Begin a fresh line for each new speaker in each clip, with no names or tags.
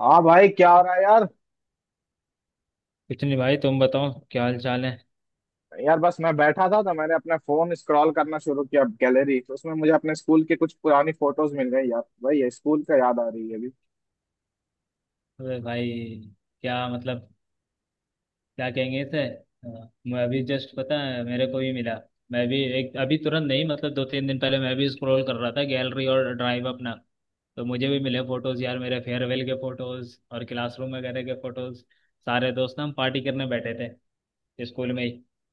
हाँ भाई, क्या हो रहा है यार।
कुछ नहीं भाई, तुम बताओ क्या हाल चाल है।
यार बस मैं बैठा था तो मैंने अपना फोन स्क्रॉल करना शुरू किया, गैलरी। तो उसमें मुझे अपने स्कूल की कुछ पुरानी फोटोज मिल गई यार। भाई ये स्कूल का याद आ रही है अभी।
अरे भाई, क्या मतलब। क्या कहेंगे इसे। मैं अभी जस्ट, पता है, मेरे को भी मिला। मैं भी एक अभी तुरंत नहीं, मतलब दो तीन दिन पहले मैं भी स्क्रॉल कर रहा था गैलरी और ड्राइव अपना। तो मुझे भी मिले फोटोज यार, मेरे फेयरवेल के फोटोज और क्लासरूम वगैरह के फोटोज। सारे दोस्त ना, हम पार्टी करने बैठे थे स्कूल में ही।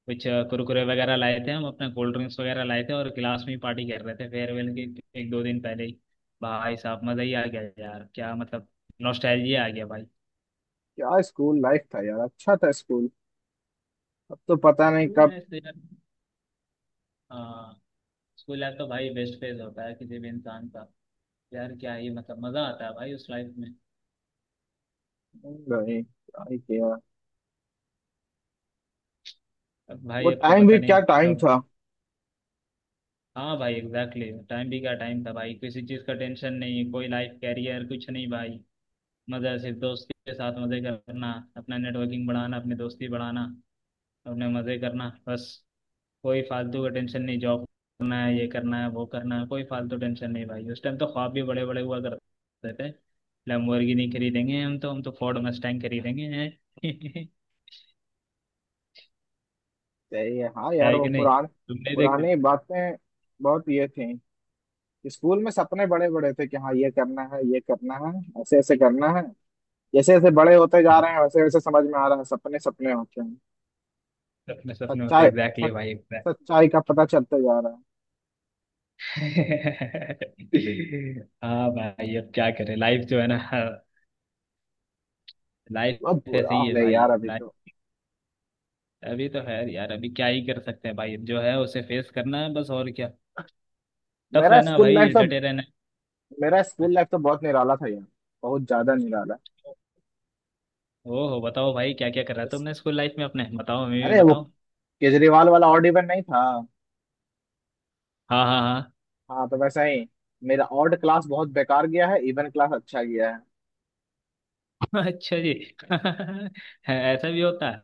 कुछ कुरकुरे वगैरह लाए थे हम, अपना कोल्ड ड्रिंक्स वगैरह लाए थे और क्लास में ही पार्टी कर रहे थे फेयरवेल के। एक दो दिन पहले ही। भाई साहब, मजा ही आ गया यार, क्या मतलब। नॉस्टैल्जिया आ गया भाई।
क्या स्कूल लाइफ था यार, अच्छा था स्कूल। अब तो पता नहीं
स्कूल
कब
लाइफ तो यार। हाँ। स्कूल लाइफ तो भाई बेस्ट फेज होता है किसी भी इंसान का। यार क्या ही मतलब, मजा आता है भाई उस लाइफ में।
गए, क्या ही किया।
अब
वो
भाई, अब तो
टाइम भी
पता
क्या
नहीं
टाइम
कब।
था।
हाँ भाई, एग्जैक्टली, टाइम भी क्या टाइम था भाई, किसी चीज का टेंशन नहीं, कोई लाइफ, कैरियर, कुछ नहीं भाई। मजा सिर्फ दोस्त के साथ मजे करना, अपना नेटवर्किंग बढ़ाना, अपनी दोस्ती बढ़ाना, अपने मजे करना बस। कोई फालतू का टेंशन नहीं, जॉब करना है, ये करना है, वो करना है, कोई फालतू टेंशन नहीं भाई। उस टाइम तो ख्वाब भी बड़े बड़े हुआ करते थे। लैम्बोर्गिनी खरीदेंगे हम, तो हम तो फोर्ड मस्टैंग खरीदेंगे हैं।
सही है। हाँ यार,
है
वो
कि नहीं। तुमने देखते थे?
पुरानी बातें बहुत ये थी। स्कूल में सपने बड़े बड़े थे कि हाँ ये करना है, ये करना है, ऐसे ऐसे करना है। जैसे जैसे बड़े होते जा
हाँ।
रहे हैं वैसे वैसे समझ में आ रहा है, सपने सपने होते हैं।
सपने सपने होते,
सच्चाई
एग्जैक्टली
सच,
भाई, exact।
सच्चाई का पता चलता जा रहा है।
हाँ भाई, अब क्या करें, लाइफ जो है ना। लाइफ
बहुत बुरा
ऐसे ही है
हाल है यार
भाई,
अभी
लाइफ।
तो।
अभी तो है यार, अभी क्या ही कर सकते हैं भाई, जो है उसे फेस करना है बस, और क्या। टफ
मेरा
रहना
स्कूल
भाई,
लाइफ तो
डटे रहना
मेरा
है।
स्कूल लाइफ तो बहुत निराला था यार। बहुत ज्यादा निराला।
ओहो, बताओ भाई, क्या क्या कर रहा था
इस-
तुमने स्कूल लाइफ में अपने, बताओ, हमें भी
अरे वो
बताओ।
केजरीवाल वाला ऑड इवन नहीं था।
हाँ, हाँ,
हाँ तो वैसा ही, मेरा ऑड क्लास बहुत बेकार गया है, इवन क्लास अच्छा गया है।
हाँ। अच्छा जी। ऐसा भी होता है।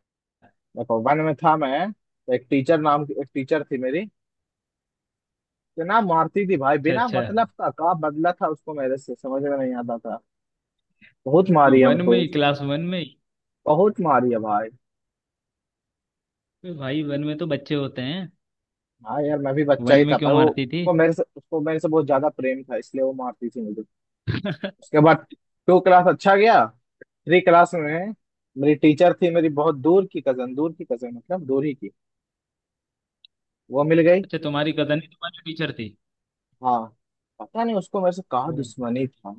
देखो, 1 में था मैं, तो एक टीचर, नाम की एक टीचर थी मेरी। तो ना मारती थी भाई,
अच्छा,
बिना
अच्छा।
मतलब का बदला था उसको मेरे से, समझ में नहीं आता था। बहुत मारी
वन
हमको।
में ही, क्लास वन में ही।
बहुत मारी है भाई।
अरे भाई, वन में तो बच्चे होते हैं।
हाँ यार, मैं भी बच्चा
वन
ही
में
था,
क्यों
पर वो
मारती थी।
उसको मेरे से बहुत ज्यादा प्रेम था इसलिए वो मारती थी मुझे। उसके बाद क्लास 2 अच्छा गया। क्लास 3 में मेरी टीचर थी, मेरी बहुत दूर की कजन, दूर की कजन मतलब दूर ही की, वो मिल गई।
अच्छा, तुम्हारी कजन ही तुम्हारी टीचर थी।
हाँ, पता नहीं उसको मेरे से कहाँ
ओ।
दुश्मनी था।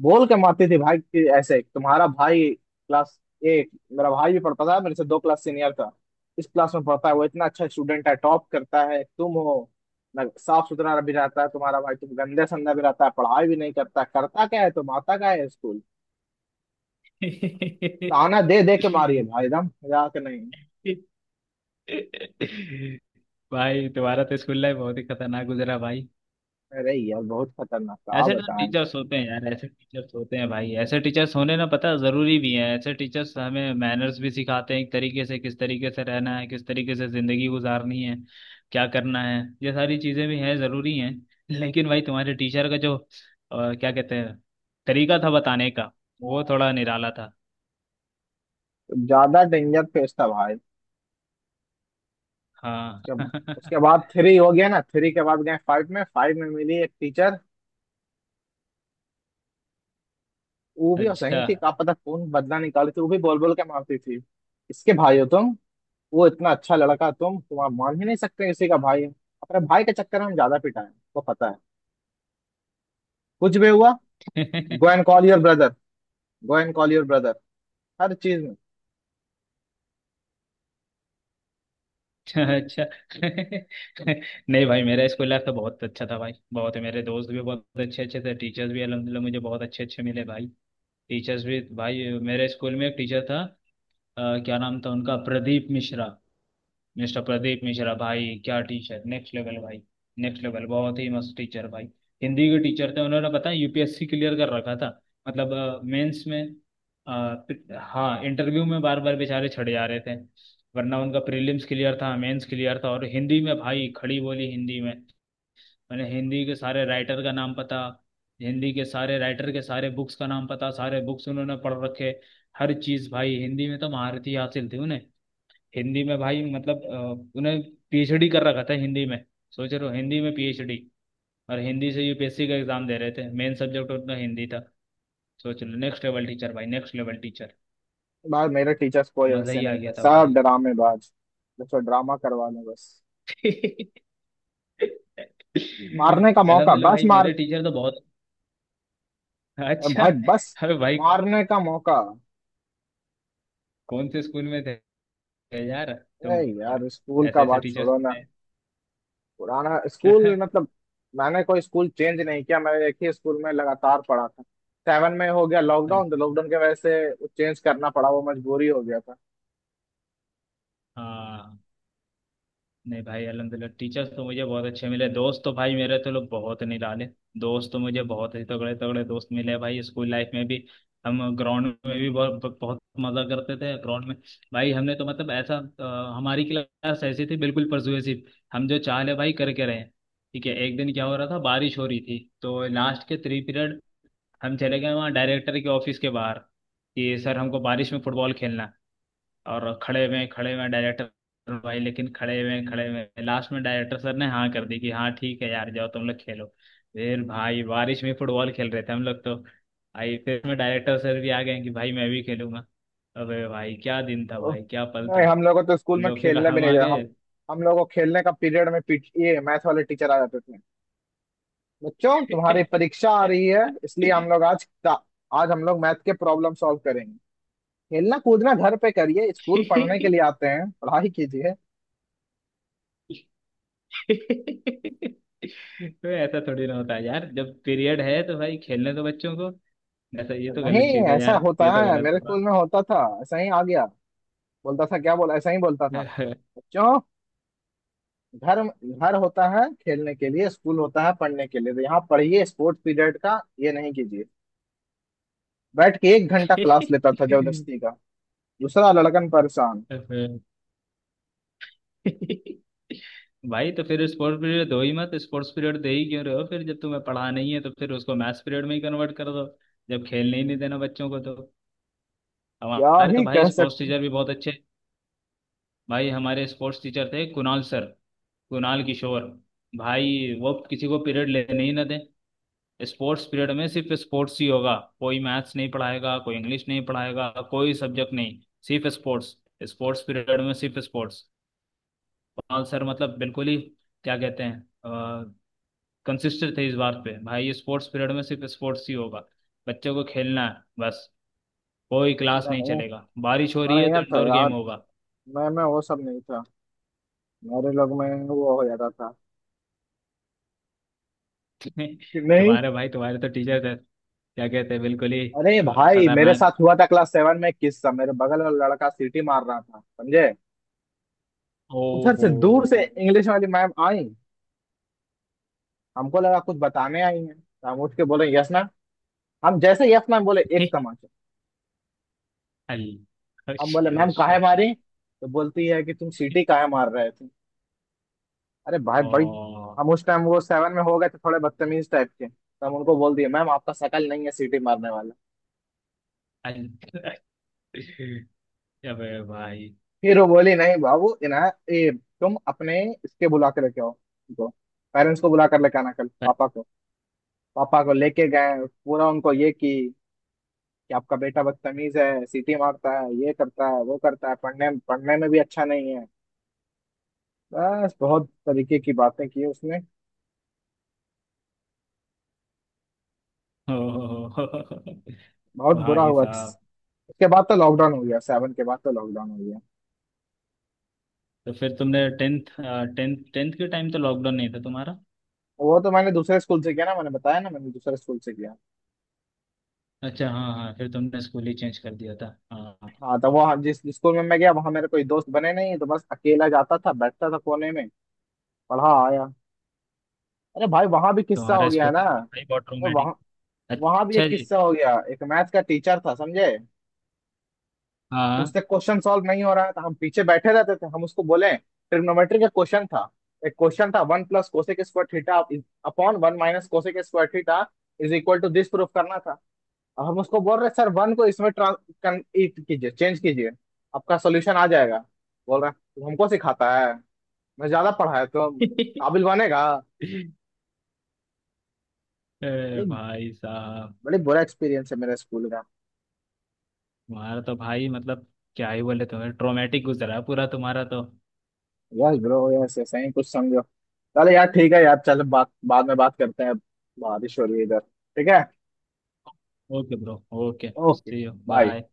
बोल के मारती थी भाई कि ऐसे तुम्हारा भाई क्लास 8, मेरा भाई भी पढ़ता था, मेरे से 2 क्लास सीनियर था, इस क्लास में पढ़ता है, वो इतना अच्छा स्टूडेंट है, टॉप करता है, तुम हो ना। साफ सुथरा भी रहता है तुम्हारा भाई, तुम गंदे संदे भी रहता है, पढ़ाई भी नहीं करता, करता क्या है तुम, आता क्या है स्कूल। ताना दे दे के मारी है भाई, एकदम, मजाक नहीं।
भाई तुम्हारा तो स्कूल लाइफ बहुत ही खतरनाक गुजरा भाई।
अरे यार बहुत खतरनाक था, आप
ऐसे तो
बताएं।
टीचर्स होते हैं यार, ऐसे टीचर्स होते हैं भाई, ऐसे टीचर्स होने ना, पता है, जरूरी भी है। ऐसे टीचर्स हमें मैनर्स भी सिखाते हैं एक तरीके से, किस तरीके से रहना है, किस तरीके से जिंदगी गुजारनी है, क्या करना है, ये सारी चीजें भी हैं, जरूरी हैं। लेकिन भाई, तुम्हारे टीचर का जो क्या कहते हैं, तरीका था बताने का, वो थोड़ा निराला था।
ज्यादा डेंजर फेस था भाई।
हाँ।
उसके उसके बाद 3 हो गया ना, 3 के बाद गए 5 में। 5 में मिली एक टीचर, वो भी
अच्छा।
सही थी, का पता कौन बदला निकाली थी, वो भी बोल बोल के मारती थी। इसके भाई हो तुम, वो इतना अच्छा लड़का, तुम तो आप मान ही नहीं सकते किसी का भाई है। अपने भाई के चक्कर में हम ज्यादा पिटा है, वो पता है। कुछ भी हुआ, go and call your brother, go and call your brother, हर चीज में।
अच्छा। नहीं भाई, मेरा स्कूल लाइफ तो बहुत अच्छा था भाई, बहुत। मेरे दोस्त भी बहुत अच्छे अच्छे थे, टीचर्स भी अलहमदिल्ला मुझे बहुत अच्छे अच्छे मिले भाई। टीचर्स भी भाई। मेरे स्कूल में एक टीचर था, क्या नाम था उनका, प्रदीप मिश्रा। मिस्टर प्रदीप मिश्रा भाई, क्या टीचर, नेक्स्ट लेवल भाई। नेक्स्ट लेवल, बहुत ही मस्त टीचर भाई। हिंदी के टीचर थे, उन्होंने पता है यूपीएससी क्लियर कर रखा था। मतलब मेंस में हाँ, इंटरव्यू में बार बार बेचारे छड़े जा रहे थे। वरना उनका प्रीलिम्स क्लियर था, मेंस क्लियर था, और हिंदी में भाई, खड़ी बोली हिंदी में। मैंने हिंदी के सारे राइटर का नाम पता। हिंदी के सारे राइटर के सारे बुक्स का नाम पता, सारे बुक्स उन्होंने पढ़ रखे। हर चीज़ भाई, हिंदी में तो महारत ही हासिल थी उन्हें। हिंदी में भाई, मतलब उन्हें पीएचडी कर रखा था हिंदी में। सोच रहे हो, हिंदी में पीएचडी। और हिंदी से यूपीएससी का एग्जाम दे रहे थे, मेन सब्जेक्ट उनका हिंदी था। सोच लो, नेक्स्ट लेवल टीचर भाई, नेक्स्ट लेवल टीचर।
बाहर मेरे टीचर्स कोई
मजा
वैसे
ही आ
नहीं
गया
थे,
था
सब
भाई।
ड्रामेबाज। बस वो ड्रामा करवा लें बस, मारने का मौका,
अलहमदुल्ला
बस
भाई,
मार।
मेरे टीचर तो बहुत।
और
अच्छा।
भाई बस,
अरे भाई, कौन,
मारने का मौका।
कौन से स्कूल में थे यार तुम,
अरे यार स्कूल
ऐसे
का
ऐसे
बात
टीचर्स
छोड़ो ना।
थे।
पुराना स्कूल मतलब, मैंने कोई स्कूल चेंज नहीं किया, मैं एक ही स्कूल में लगातार पढ़ा था। 7 में हो गया लॉकडाउन, तो लॉकडाउन के वजह से चेंज करना पड़ा, वो मजबूरी हो गया था।
हाँ। नहीं भाई, अलहमदिल्ला टीचर्स तो मुझे बहुत अच्छे मिले, दोस्त तो भाई मेरे तो लोग बहुत निराले। दोस्त तो मुझे बहुत ही तगड़े तगड़े दोस्त मिले भाई, स्कूल लाइफ में भी। हम ग्राउंड में भी बहुत बहुत मजा करते थे ग्राउंड में। भाई हमने तो मतलब ऐसा हमारी क्लास ऐसी थी बिल्कुल परसुएसिव। हम जो चाह ले भाई, करके रहे। ठीक है, एक दिन क्या हो रहा था, बारिश हो रही थी तो लास्ट के थ्री पीरियड हम चले गए वहाँ डायरेक्टर के ऑफिस के बाहर कि सर, हमको बारिश में फुटबॉल खेलना है। और खड़े हुए डायरेक्टर भाई, लेकिन खड़े हुए लास्ट में डायरेक्टर सर ने हाँ कर दी कि हाँ ठीक है यार, जाओ तुम लोग खेलो। फिर भाई बारिश में फुटबॉल खेल रहे थे हम लोग, तो भाई फिर में डायरेक्टर सर भी आ गए कि भाई मैं भी खेलूंगा। अबे भाई, क्या दिन था
तो,
भाई, क्या पल था।
नहीं हम लोगों को तो
हम
स्कूल में
लोग फिर
खेलने भी
हम
नहीं
आ
जाए हम।
गए।
हम लोगों को खेलने का पीरियड में ये मैथ वाले टीचर आ जाते थे। बच्चों तुम्हारी परीक्षा आ रही है इसलिए हम लोग आज, आज हम लोग मैथ के प्रॉब्लम सॉल्व करेंगे। खेलना कूदना घर पे करिए, स्कूल पढ़ने के लिए आते हैं, पढ़ाई कीजिए।
तो ऐसा थोड़ी ना होता है यार, जब पीरियड है तो भाई खेलने दो बच्चों को। ऐसा ये तो गलत
नहीं
चीज है
ऐसा
यार,
होता
ये तो
है,
गलत
मेरे स्कूल में होता था ऐसा ही, आ गया बोलता था, क्या बोला, ऐसा ही बोलता था।
हुआ।
बच्चों, घर घर होता है खेलने के लिए, स्कूल होता है पढ़ने के लिए, तो यहाँ पढ़िए, स्पोर्ट्स पीरियड का ये नहीं कीजिए। बैठ के 1 घंटा क्लास लेता था
तो
जबरदस्ती का। दूसरा लड़कन परेशान।
फिर भाई, तो फिर स्पोर्ट्स पीरियड दो ही मत, स्पोर्ट्स पीरियड दे ही क्यों रहे हो फिर, जब तुम्हें पढ़ा नहीं है तो फिर उसको मैथ्स पीरियड में ही कन्वर्ट कर दो। जब खेलने ही नहीं देना बच्चों को तो।
क्या
हमारे तो
ही
भाई
कह
स्पोर्ट्स
सकते।
टीचर भी बहुत अच्छे। भाई, हमारे स्पोर्ट्स टीचर थे कुणाल सर, कुणाल किशोर। भाई वो किसी को पीरियड लेने ही ना दें। स्पोर्ट्स पीरियड में सिर्फ स्पोर्ट्स ही होगा, कोई मैथ्स नहीं पढ़ाएगा, कोई इंग्लिश नहीं पढ़ाएगा, कोई सब्जेक्ट नहीं, सिर्फ स्पोर्ट्स। स्पोर्ट्स पीरियड में सिर्फ स्पोर्ट्स। हाँ सर, मतलब बिल्कुल ही, क्या कहते हैं, कंसिस्टेंट थे इस बात पे भाई, ये स्पोर्ट्स पीरियड में सिर्फ स्पोर्ट्स ही होगा। बच्चों को खेलना है बस, कोई क्लास
नहीं
नहीं
नहीं,
चलेगा, बारिश हो रही है तो
बढ़िया था
इंडोर
यार।
गेम होगा।
मैं वो सब नहीं था, मेरे लोग में वो हो जाता था कि नहीं।
तुम्हारे भाई, तुम्हारे तो टीचर थे, क्या कहते हैं बिल्कुल ही।
अरे भाई, मेरे
खतरनाक।
साथ हुआ था क्लास 7 में एक किस्सा। मेरे बगल वाला लड़का सीटी मार रहा था, समझे।
ओ
उधर से
हो।
दूर से इंग्लिश वाली मैम आई, हमको लगा कुछ बताने आई हैं तो हम उठ के बोले यस मैम। हम जैसे यस मैम बोले, एक
शिट।
तमाचा। हम बोले मैम काहे मारी, तो बोलती है कि तुम सीटी काहे मार रहे थे। अरे भाई भाई,
ओ।
हम उस टाइम वो 7 में हो गए थे, थोड़े बदतमीज टाइप के, तो हम उनको बोल दिए मैम आपका शकल नहीं है सीटी मारने वाला।
अल- अबे भाई।
फिर वो बोली नहीं बाबू इना, ये तुम अपने इसके बुला के लेके आओ उनको, पेरेंट्स को बुला कर लेके आना कल, पापा को। पापा को लेके गए, पूरा उनको ये की, कि आपका बेटा बदतमीज है, सीटी मारता है, ये करता है, वो करता है, पढ़ने पढ़ने में भी अच्छा नहीं है, बस बहुत तरीके की बातें की उसने।
ओ।
बहुत बुरा
भाई
हुआ।
साहब।
उसके बाद तो लॉकडाउन हो गया, 7 के बाद तो लॉकडाउन हो गया।
तो फिर तुमने टेंथ। टेंथ के टाइम तो लॉकडाउन नहीं था तुम्हारा।
वो तो मैंने दूसरे स्कूल से किया ना, मैंने बताया ना, मैंने दूसरे स्कूल से किया।
अच्छा, हाँ हाँ, फिर तुमने स्कूल ही चेंज कर दिया था। हाँ, हाँ।
हाँ, तो वो हम जिस स्कूल में मैं गया, वहां मेरे कोई दोस्त बने नहीं, तो बस अकेला जाता था, बैठता था कोने में, पढ़ा आया। अरे भाई वहां भी किस्सा हो
तुम्हारा
गया
स्कूल
ना।
था तो भाई बहुत
तो वहां
रोमांटिक।
वहां भी
अच्छा
एक
जी।
किस्सा हो गया। एक मैथ्स का टीचर था, समझे।
हाँ।
उससे क्वेश्चन सॉल्व नहीं हो रहा है तो हम पीछे बैठे रहते थे। हम उसको बोले, ट्रिग्नोमेट्री का क्वेश्चन था, एक क्वेश्चन था, one plus cosec square theta upon one minus cosec square theta is equal to this, proof करना था। अब हम उसको बोल रहे सर वन को इसमें it कीजिए, चेंज कीजिए, आपका सोल्यूशन आ जाएगा। बोल रहा, "तू हमको सिखाता है, मैं ज्यादा पढ़ा है तो काबिल बनेगा।"
अरे
बड़ी
भाई साहब।
बड़ी बुरा एक्सपीरियंस है मेरा स्कूल का।
तुम्हारा तो भाई मतलब, क्या ही बोले, तुम्हें ट्रोमेटिक गुजरा है पूरा तुम्हारा तो।
यस ब्रो, यस, ऐसा ही कुछ समझो। चलो यार, ठीक है यार, चलो बात, बाद में बात करते हैं, बारिश हो रही है इधर, ठीक है।
Okay bro. Okay,
okay
see you,
bye.
Bye.